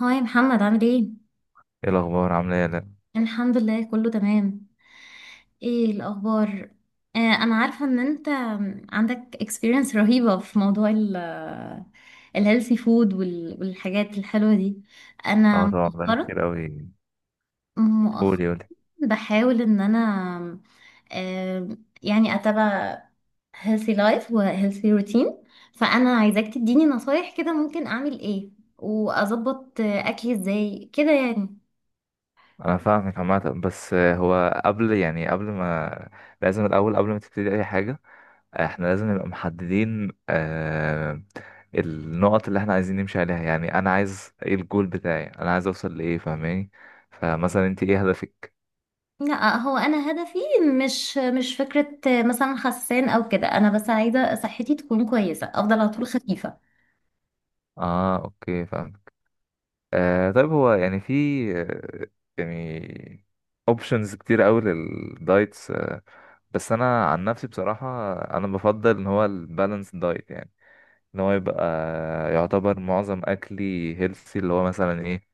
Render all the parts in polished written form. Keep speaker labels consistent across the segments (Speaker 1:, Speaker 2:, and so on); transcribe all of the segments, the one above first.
Speaker 1: هاي محمد، عامل ايه؟
Speaker 2: ايه الاخبار عامله ايه يا لأ؟
Speaker 1: الحمد لله، كله تمام. ايه الأخبار؟ أنا عارفة إن أنت عندك experience رهيبة في موضوع الهيلثي فود والحاجات الحلوة دي. أنا
Speaker 2: اه، طبعا بقالي
Speaker 1: مؤخرا
Speaker 2: كتير قوي.
Speaker 1: مؤخرا
Speaker 2: قولي قولي.
Speaker 1: بحاول إن أنا آه يعني أتابع healthy life و healthy routine. فأنا عايزاك تديني نصايح كده، ممكن أعمل ايه وأظبط أكلي ازاي كده يعني.
Speaker 2: انا فاهمك عامه، بس هو قبل يعني قبل ما، لازم الاول قبل ما تبتدي اي حاجه. احنا لازم نبقى محددين، النقط اللي احنا عايزين نمشي عليها، يعني انا عايز ايه الجول بتاعي؟ انا عايز اوصل لايه؟ فاهماني؟ فمثلا انت ايه هدفك؟
Speaker 1: لا، هو انا هدفي مش فكره مثلا خسان او كده، انا بس عايزه صحتي تكون كويسه، افضل على طول خفيفه.
Speaker 2: اه اوكي فاهمك. طيب، هو يعني في، آه، يعني اوبشنز كتير قوي للدايتس، بس انا عن نفسي بصراحه انا بفضل ان هو البالانس دايت، يعني ان هو يبقى يعتبر معظم اكلي هيلثي، اللي هو مثلا ايه؟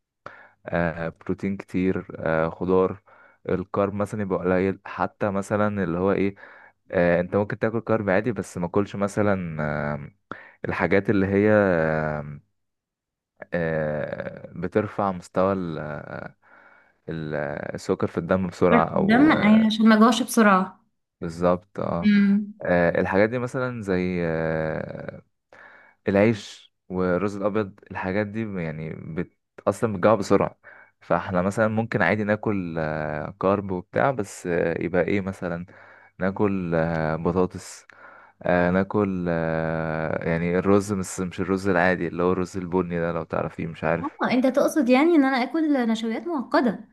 Speaker 2: بروتين كتير، خضار. الكارب مثلا يبقى قليل، حتى مثلا اللي هو ايه؟ انت ممكن تاكل كارب عادي، بس ما اكلش مثلا الحاجات اللي هي، بترفع مستوى السكر في الدم بسرعه
Speaker 1: برضه الدم،
Speaker 2: او.
Speaker 1: أيوة، عشان ما اجوعش بسرعه.
Speaker 2: بالظبط اه.
Speaker 1: امم.
Speaker 2: الحاجات دي مثلا زي العيش والرز الابيض، الحاجات دي يعني اصلا بتجوع بسرعه. فاحنا مثلا ممكن عادي ناكل كارب وبتاع، بس يبقى ايه مثلا؟ ناكل بطاطس، ناكل يعني الرز، بس مش الرز العادي، اللي هو الرز البني ده، لو تعرفيه مش عارف.
Speaker 1: اه، انت تقصد يعني ان انا اكل نشويات معقده.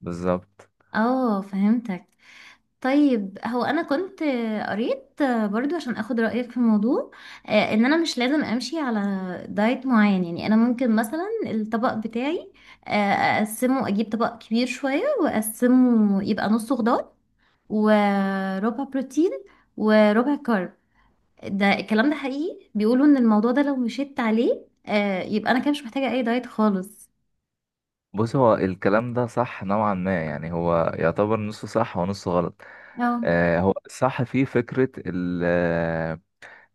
Speaker 2: بالظبط.
Speaker 1: اه، فهمتك. طيب، هو انا كنت قريت برضو عشان اخد رايك في الموضوع، ان انا مش لازم امشي على دايت معين. يعني انا ممكن مثلا الطبق بتاعي، آه، اقسمه، اجيب طبق كبير شويه واقسمه يبقى نصه خضار، وربع بروتين، وربع كارب. ده الكلام ده حقيقي؟ بيقولوا ان الموضوع ده لو مشيت عليه يبقى انا كده مش محتاجة اي دايت خالص.
Speaker 2: بص، هو الكلام ده صح نوعا ما، يعني هو يعتبر نصه صح ونصه غلط.
Speaker 1: اه.
Speaker 2: هو صح في فكرة ال- آه،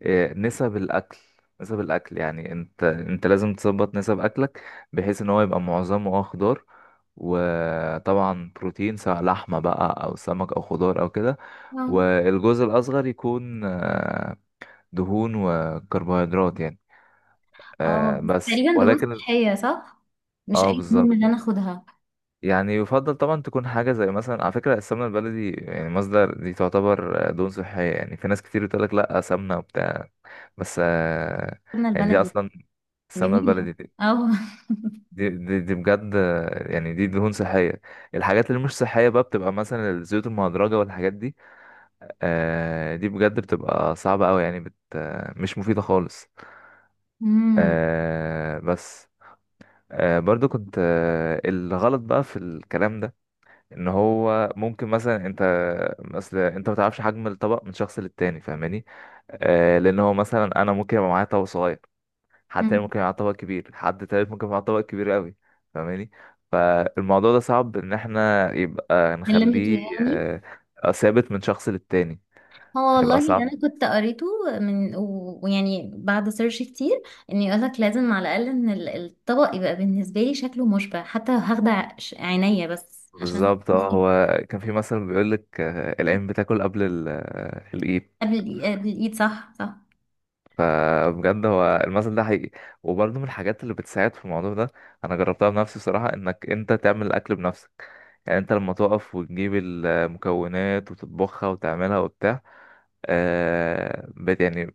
Speaker 2: آه، نسب الأكل. نسب الأكل، يعني أنت لازم تظبط نسب أكلك، بحيث إن هو يبقى معظمه أه خضار، وطبعا بروتين سواء لحمة بقى أو سمك أو خضار أو كده.
Speaker 1: اه.
Speaker 2: والجزء الأصغر يكون دهون وكربوهيدرات يعني،
Speaker 1: اه، بس
Speaker 2: بس
Speaker 1: تقريبا دهون
Speaker 2: ولكن.
Speaker 1: صحية، صح؟ مش
Speaker 2: اه
Speaker 1: اي
Speaker 2: بالظبط،
Speaker 1: دهون اللي انا اخدها.
Speaker 2: يعني يفضل طبعا تكون حاجة زي مثلا، على فكرة، السمنة البلدي، يعني مصدر دي تعتبر دهون صحية. يعني في ناس كتير بتقولك لأ سمنة وبتاع، بس
Speaker 1: قلنا
Speaker 2: يعني دي
Speaker 1: البلدي.
Speaker 2: أصلا، السمنة
Speaker 1: جميلة.
Speaker 2: البلدي دي،
Speaker 1: اه.
Speaker 2: دي بجد يعني دي دهون صحية. الحاجات اللي مش صحية بقى بتبقى مثلا الزيوت المهدرجة والحاجات دي، دي بجد بتبقى صعبة أوي، يعني بت آه، مش مفيدة خالص.
Speaker 1: امم.
Speaker 2: بس برضو كنت الغلط بقى في الكلام ده، ان هو ممكن مثلا انت ما تعرفش حجم الطبق من شخص للتاني، فاهماني؟ لان هو مثلا انا ممكن يبقى معايا طبق صغير، حد تاني
Speaker 1: مم.
Speaker 2: ممكن يبقى معاه طبق كبير، حد تالت ممكن يبقى معاه طبق كبير قوي، فاهماني؟ فالموضوع ده صعب ان احنا يبقى
Speaker 1: من لميته
Speaker 2: نخليه
Speaker 1: يعني.
Speaker 2: آه ثابت من شخص للتاني،
Speaker 1: هو والله
Speaker 2: هيبقى
Speaker 1: اللي
Speaker 2: صعب.
Speaker 1: انا كنت قريته، من ويعني بعد سيرش كتير، ان يقولك لازم على الاقل ان الطبق يبقى بالنسبه لي شكله مشبع، حتى هاخدة عينيا بس عشان
Speaker 2: بالظبط اه.
Speaker 1: مخي.
Speaker 2: هو كان في مثل بيقول لك العين بتاكل قبل الايد.
Speaker 1: قبل الايد، صح صح.
Speaker 2: فبجد هو المثل ده حقيقي. وبرضه من الحاجات اللي بتساعد في الموضوع ده، انا جربتها بنفسي بصراحه، انك انت تعمل الاكل بنفسك. يعني انت لما تقف وتجيب المكونات وتطبخها وتعملها وبتاع، آه بت يعني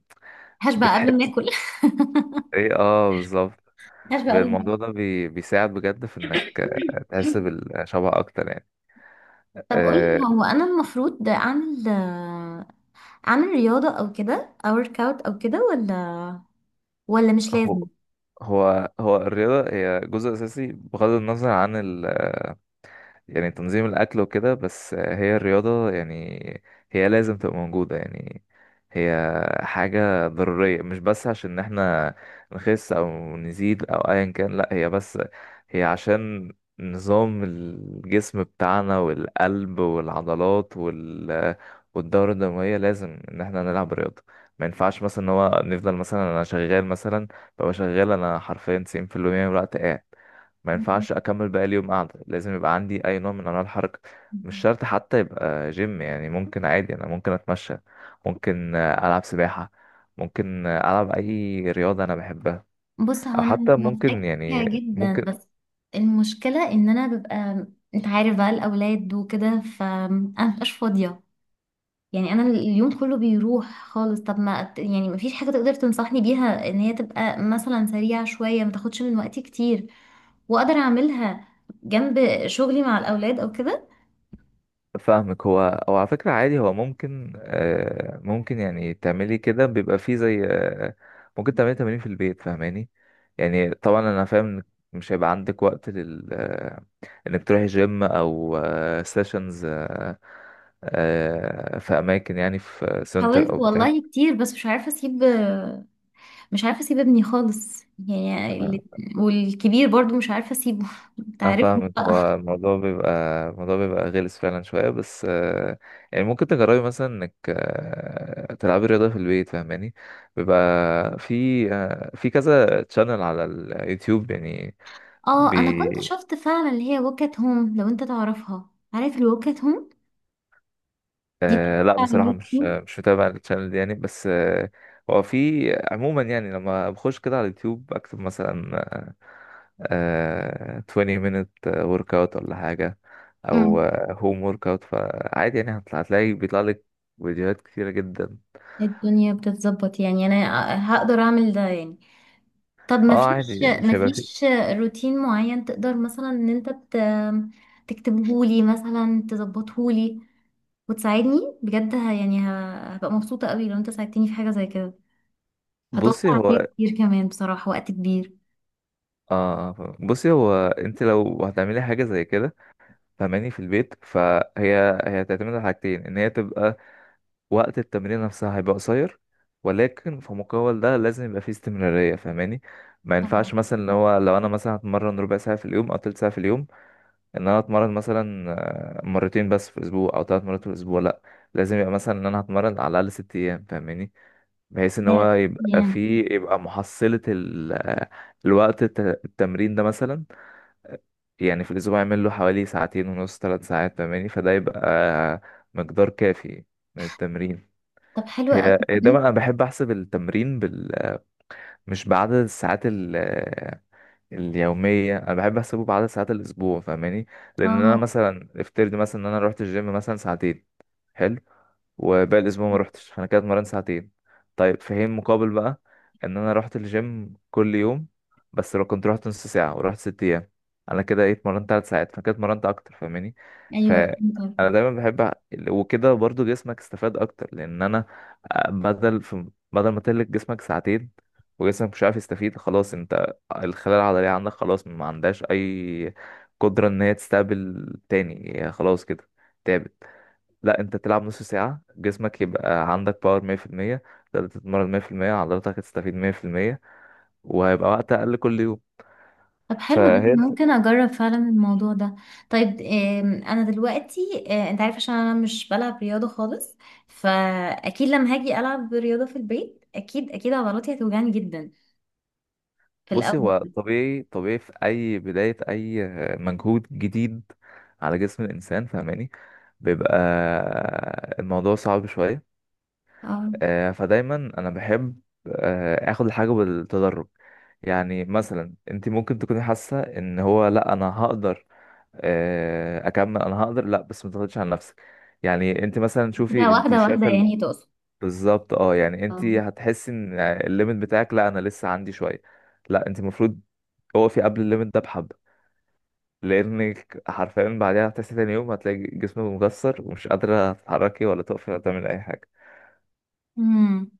Speaker 1: هشبع قبل ما
Speaker 2: بتحس.
Speaker 1: اكل.
Speaker 2: ايه اه بالظبط.
Speaker 1: هشبع قبل ما
Speaker 2: الموضوع ده بيساعد بجد في انك
Speaker 1: اكل.
Speaker 2: تحس بالشبع اكتر يعني.
Speaker 1: طب قولي،
Speaker 2: آه.
Speaker 1: هو انا المفروض اعمل رياضه او كده، او ورك اوت او كده، ولا مش
Speaker 2: هو
Speaker 1: لازم؟
Speaker 2: هو الرياضة هي جزء أساسي بغض النظر عن ال، يعني تنظيم الأكل وكده، بس هي الرياضة، يعني هي لازم تبقى موجودة، يعني هي حاجة ضرورية. مش بس عشان احنا نخس أو نزيد أو أيا كان، لأ، هي بس هي عشان نظام الجسم بتاعنا والقلب والعضلات وال والدورة الدموية، لازم إن احنا نلعب رياضة. ما ينفعش مثلا إن هو نفضل مثلا، أنا شغال مثلا ببقى شغال، أنا حرفيا تسعين في المية من الوقت قاعد، ما ينفعش اكمل باقي اليوم قاعده. لازم يبقى عندي اي نوع من انواع الحركه، مش شرط حتى يبقى جيم. يعني ممكن عادي انا ممكن اتمشى، ممكن العب سباحه، ممكن العب اي رياضه انا بحبها،
Speaker 1: بص، هو
Speaker 2: او
Speaker 1: انا
Speaker 2: حتى ممكن
Speaker 1: موافقاك فيها
Speaker 2: يعني
Speaker 1: جدا،
Speaker 2: ممكن.
Speaker 1: بس المشكله ان انا ببقى، انت عارف بقى الاولاد وكده، فانا مبقاش فاضيه. يعني انا اليوم كله بيروح خالص. طب ما يعني، ما فيش حاجه تقدر تنصحني بيها ان هي تبقى مثلا سريعه شويه، ما تاخدش من وقتي كتير، واقدر اعملها جنب شغلي مع الاولاد او كده؟
Speaker 2: فاهمك. هو او على فكره عادي هو ممكن، ممكن يعني تعملي كده، بيبقى فيه زي ممكن تعملي تمارين في البيت، فاهماني؟ يعني طبعا انا فاهم إنك مش هيبقى عندك وقت لل انك تروحي جيم او سيشنز، في اماكن يعني، في سنتر
Speaker 1: حاولت
Speaker 2: او بتاع.
Speaker 1: والله كتير، بس مش عارفه اسيب ابني خالص. يعني والكبير برضو مش عارفه اسيبه. انت
Speaker 2: انا
Speaker 1: عارف.
Speaker 2: فاهم إن هو الموضوع بيبقى غلس فعلا شويه، بس يعني ممكن تجربي مثلا انك تلعبي رياضه في البيت، فاهماني؟ بيبقى في، في كذا تشانل على اليوتيوب يعني.
Speaker 1: اه، انا كنت
Speaker 2: بي
Speaker 1: شفت فعلا اللي هي ووك ات هوم، لو انت تعرفها، عارف الووك ات هوم؟ دي
Speaker 2: آه،
Speaker 1: بتشتغل
Speaker 2: لا
Speaker 1: على
Speaker 2: بصراحه مش
Speaker 1: اليوتيوب.
Speaker 2: مش متابع التشانل دي يعني، بس هو في عموما يعني لما بخش كده على اليوتيوب اكتب مثلا 20 minute work out ولا حاجة، أو
Speaker 1: امم.
Speaker 2: home work out. فعادي يعني هتلاقي بيطلع لك فيديوهات كتيرة جدا.
Speaker 1: الدنيا بتتظبط يعني، انا هقدر اعمل ده يعني. طب
Speaker 2: اه عادي،
Speaker 1: ما
Speaker 2: مش هيبقى
Speaker 1: فيش
Speaker 2: فيه.
Speaker 1: روتين معين تقدر مثلا ان انت تكتبه لي، مثلا تظبطه لي، وتساعدني بجد؟ يعني هبقى مبسوطة قوي لو انت ساعدتني في حاجة زي كده. هتوفر
Speaker 2: بصي
Speaker 1: عليا
Speaker 2: هو،
Speaker 1: كتير كمان بصراحة، وقت كبير.
Speaker 2: اه فاهم. بصي هو، انت لو هتعملي حاجة زي كده، فهماني، في البيت، هي تعتمد على حاجتين، ان هي تبقى وقت التمرين نفسها هيبقى قصير، ولكن في مقابل ده لازم يبقى فيه استمرارية، فهماني؟ ما
Speaker 1: طبعا.
Speaker 2: ينفعش مثلا اللي هو لو انا مثلا هتمرن ربع ساعة في اليوم او تلت ساعة في اليوم، ان انا اتمرن مثلا مرتين بس في الاسبوع او ثلاث مرات في الاسبوع، لا. لازم يبقى مثلا ان انا هتمرن على الاقل ست ايام، فاهماني؟ بحيث ان
Speaker 1: yeah.
Speaker 2: هو
Speaker 1: yeah.
Speaker 2: يبقى محصلة الوقت التمرين ده مثلا، يعني في الاسبوع يعمل له حوالي ساعتين ونص ثلاث ساعات، فاهماني؟ فده يبقى مقدار كافي من التمرين.
Speaker 1: طب حلو قوي.
Speaker 2: هي ده بقى، انا بحب احسب التمرين بال، مش بعدد الساعات ال... اليومية. أنا بحب أحسبه بعدد ساعات الأسبوع، فاهماني؟ لأن أنا
Speaker 1: اه.
Speaker 2: مثلا افترض مثلا إن أنا روحت الجيم مثلا ساعتين، حلو، وباقي الأسبوع ما روحتش، فأنا كده اتمرنت ساعتين. طيب في حين مقابل بقى، إن أنا روحت الجيم كل يوم، بس لو كنت روحت نص ساعة ورحت ست أيام، أنا كده إيه اتمرنت تلات ساعات، فأنا كده اتمرنت أكتر، فاهماني؟
Speaker 1: ايوه. فهمت.
Speaker 2: فأنا دايما بحب وكده برضو جسمك استفاد أكتر، لأن أنا آه، بدل في بدل ما تهلك جسمك ساعتين وجسمك مش عارف يستفيد. خلاص انت الخلايا العضلية عندك خلاص ما عندهاش أي قدرة إن هي تستقبل تاني، هي خلاص كده تعبت. لا، أنت تلعب نص ساعة جسمك يبقى عندك باور مية في المية، تقدر تتمرن مية في المية، عضلاتك هتستفيد مية في المية، وهيبقى وقت أقل كل يوم.
Speaker 1: طب حلو، ده
Speaker 2: فهي الف-
Speaker 1: ممكن اجرب فعلا الموضوع ده. طيب انا دلوقتي، انت عارف، عشان انا مش بلعب رياضة خالص، فاكيد لما هاجي العب رياضة في البيت اكيد اكيد عضلاتي هتوجعني جدا في
Speaker 2: بصي هو
Speaker 1: الاول.
Speaker 2: طبيعي، طبيعي في أي بداية أي مجهود جديد على جسم الإنسان، فاهماني؟ بيبقى الموضوع صعب شوية.
Speaker 1: اه،
Speaker 2: فدايما انا بحب اخد الحاجه بالتدرج. يعني مثلا انت ممكن تكوني حاسه ان هو، لا انا هقدر اكمل، انا هقدر، لا، بس ما تضغطيش على نفسك. يعني انت مثلا
Speaker 1: كده
Speaker 2: شوفي، انت
Speaker 1: واحدة واحدة
Speaker 2: شايفه ال-،
Speaker 1: يعني تقصد؟
Speaker 2: بالظبط اه، يعني انت
Speaker 1: اه.
Speaker 2: هتحسي ان الليميت بتاعك، لا انا لسه عندي شويه، لا، انت المفروض اقفي قبل الليميت ده بحبه، لانك حرفيا بعدها هتحسي تاني يوم هتلاقي جسمك مكسر ومش قادره تتحركي ولا تقفي ولا تعملي اي حاجه.
Speaker 1: امم.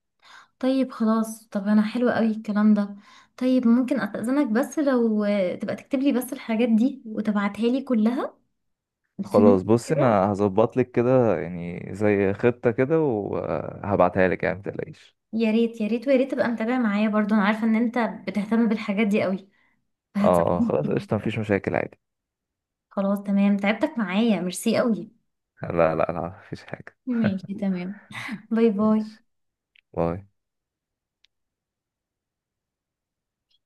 Speaker 1: طيب خلاص. طب انا حلو قوي الكلام ده. طيب ممكن استأذنك، بس لو تبقى تكتب لي بس الحاجات دي، وتبعتها لي كلها في نوت
Speaker 2: خلاص بص،
Speaker 1: كده؟
Speaker 2: انا هظبط لك كده يعني زي خطة كده وهبعتها لك، يعني متقلقيش.
Speaker 1: يا ريت يا ريت، ويا ريت تبقى متابع معايا برضو، انا عارفه ان انت بتهتم بالحاجات دي قوي،
Speaker 2: اه
Speaker 1: فهتساعدني
Speaker 2: خلاص
Speaker 1: كتير.
Speaker 2: قشطة مفيش مشاكل عادي.
Speaker 1: خلاص تمام، تعبتك معايا، ميرسي قوي.
Speaker 2: لا لا لا مفيش حاجة
Speaker 1: ماشي تمام. باي باي.
Speaker 2: ماشي باي.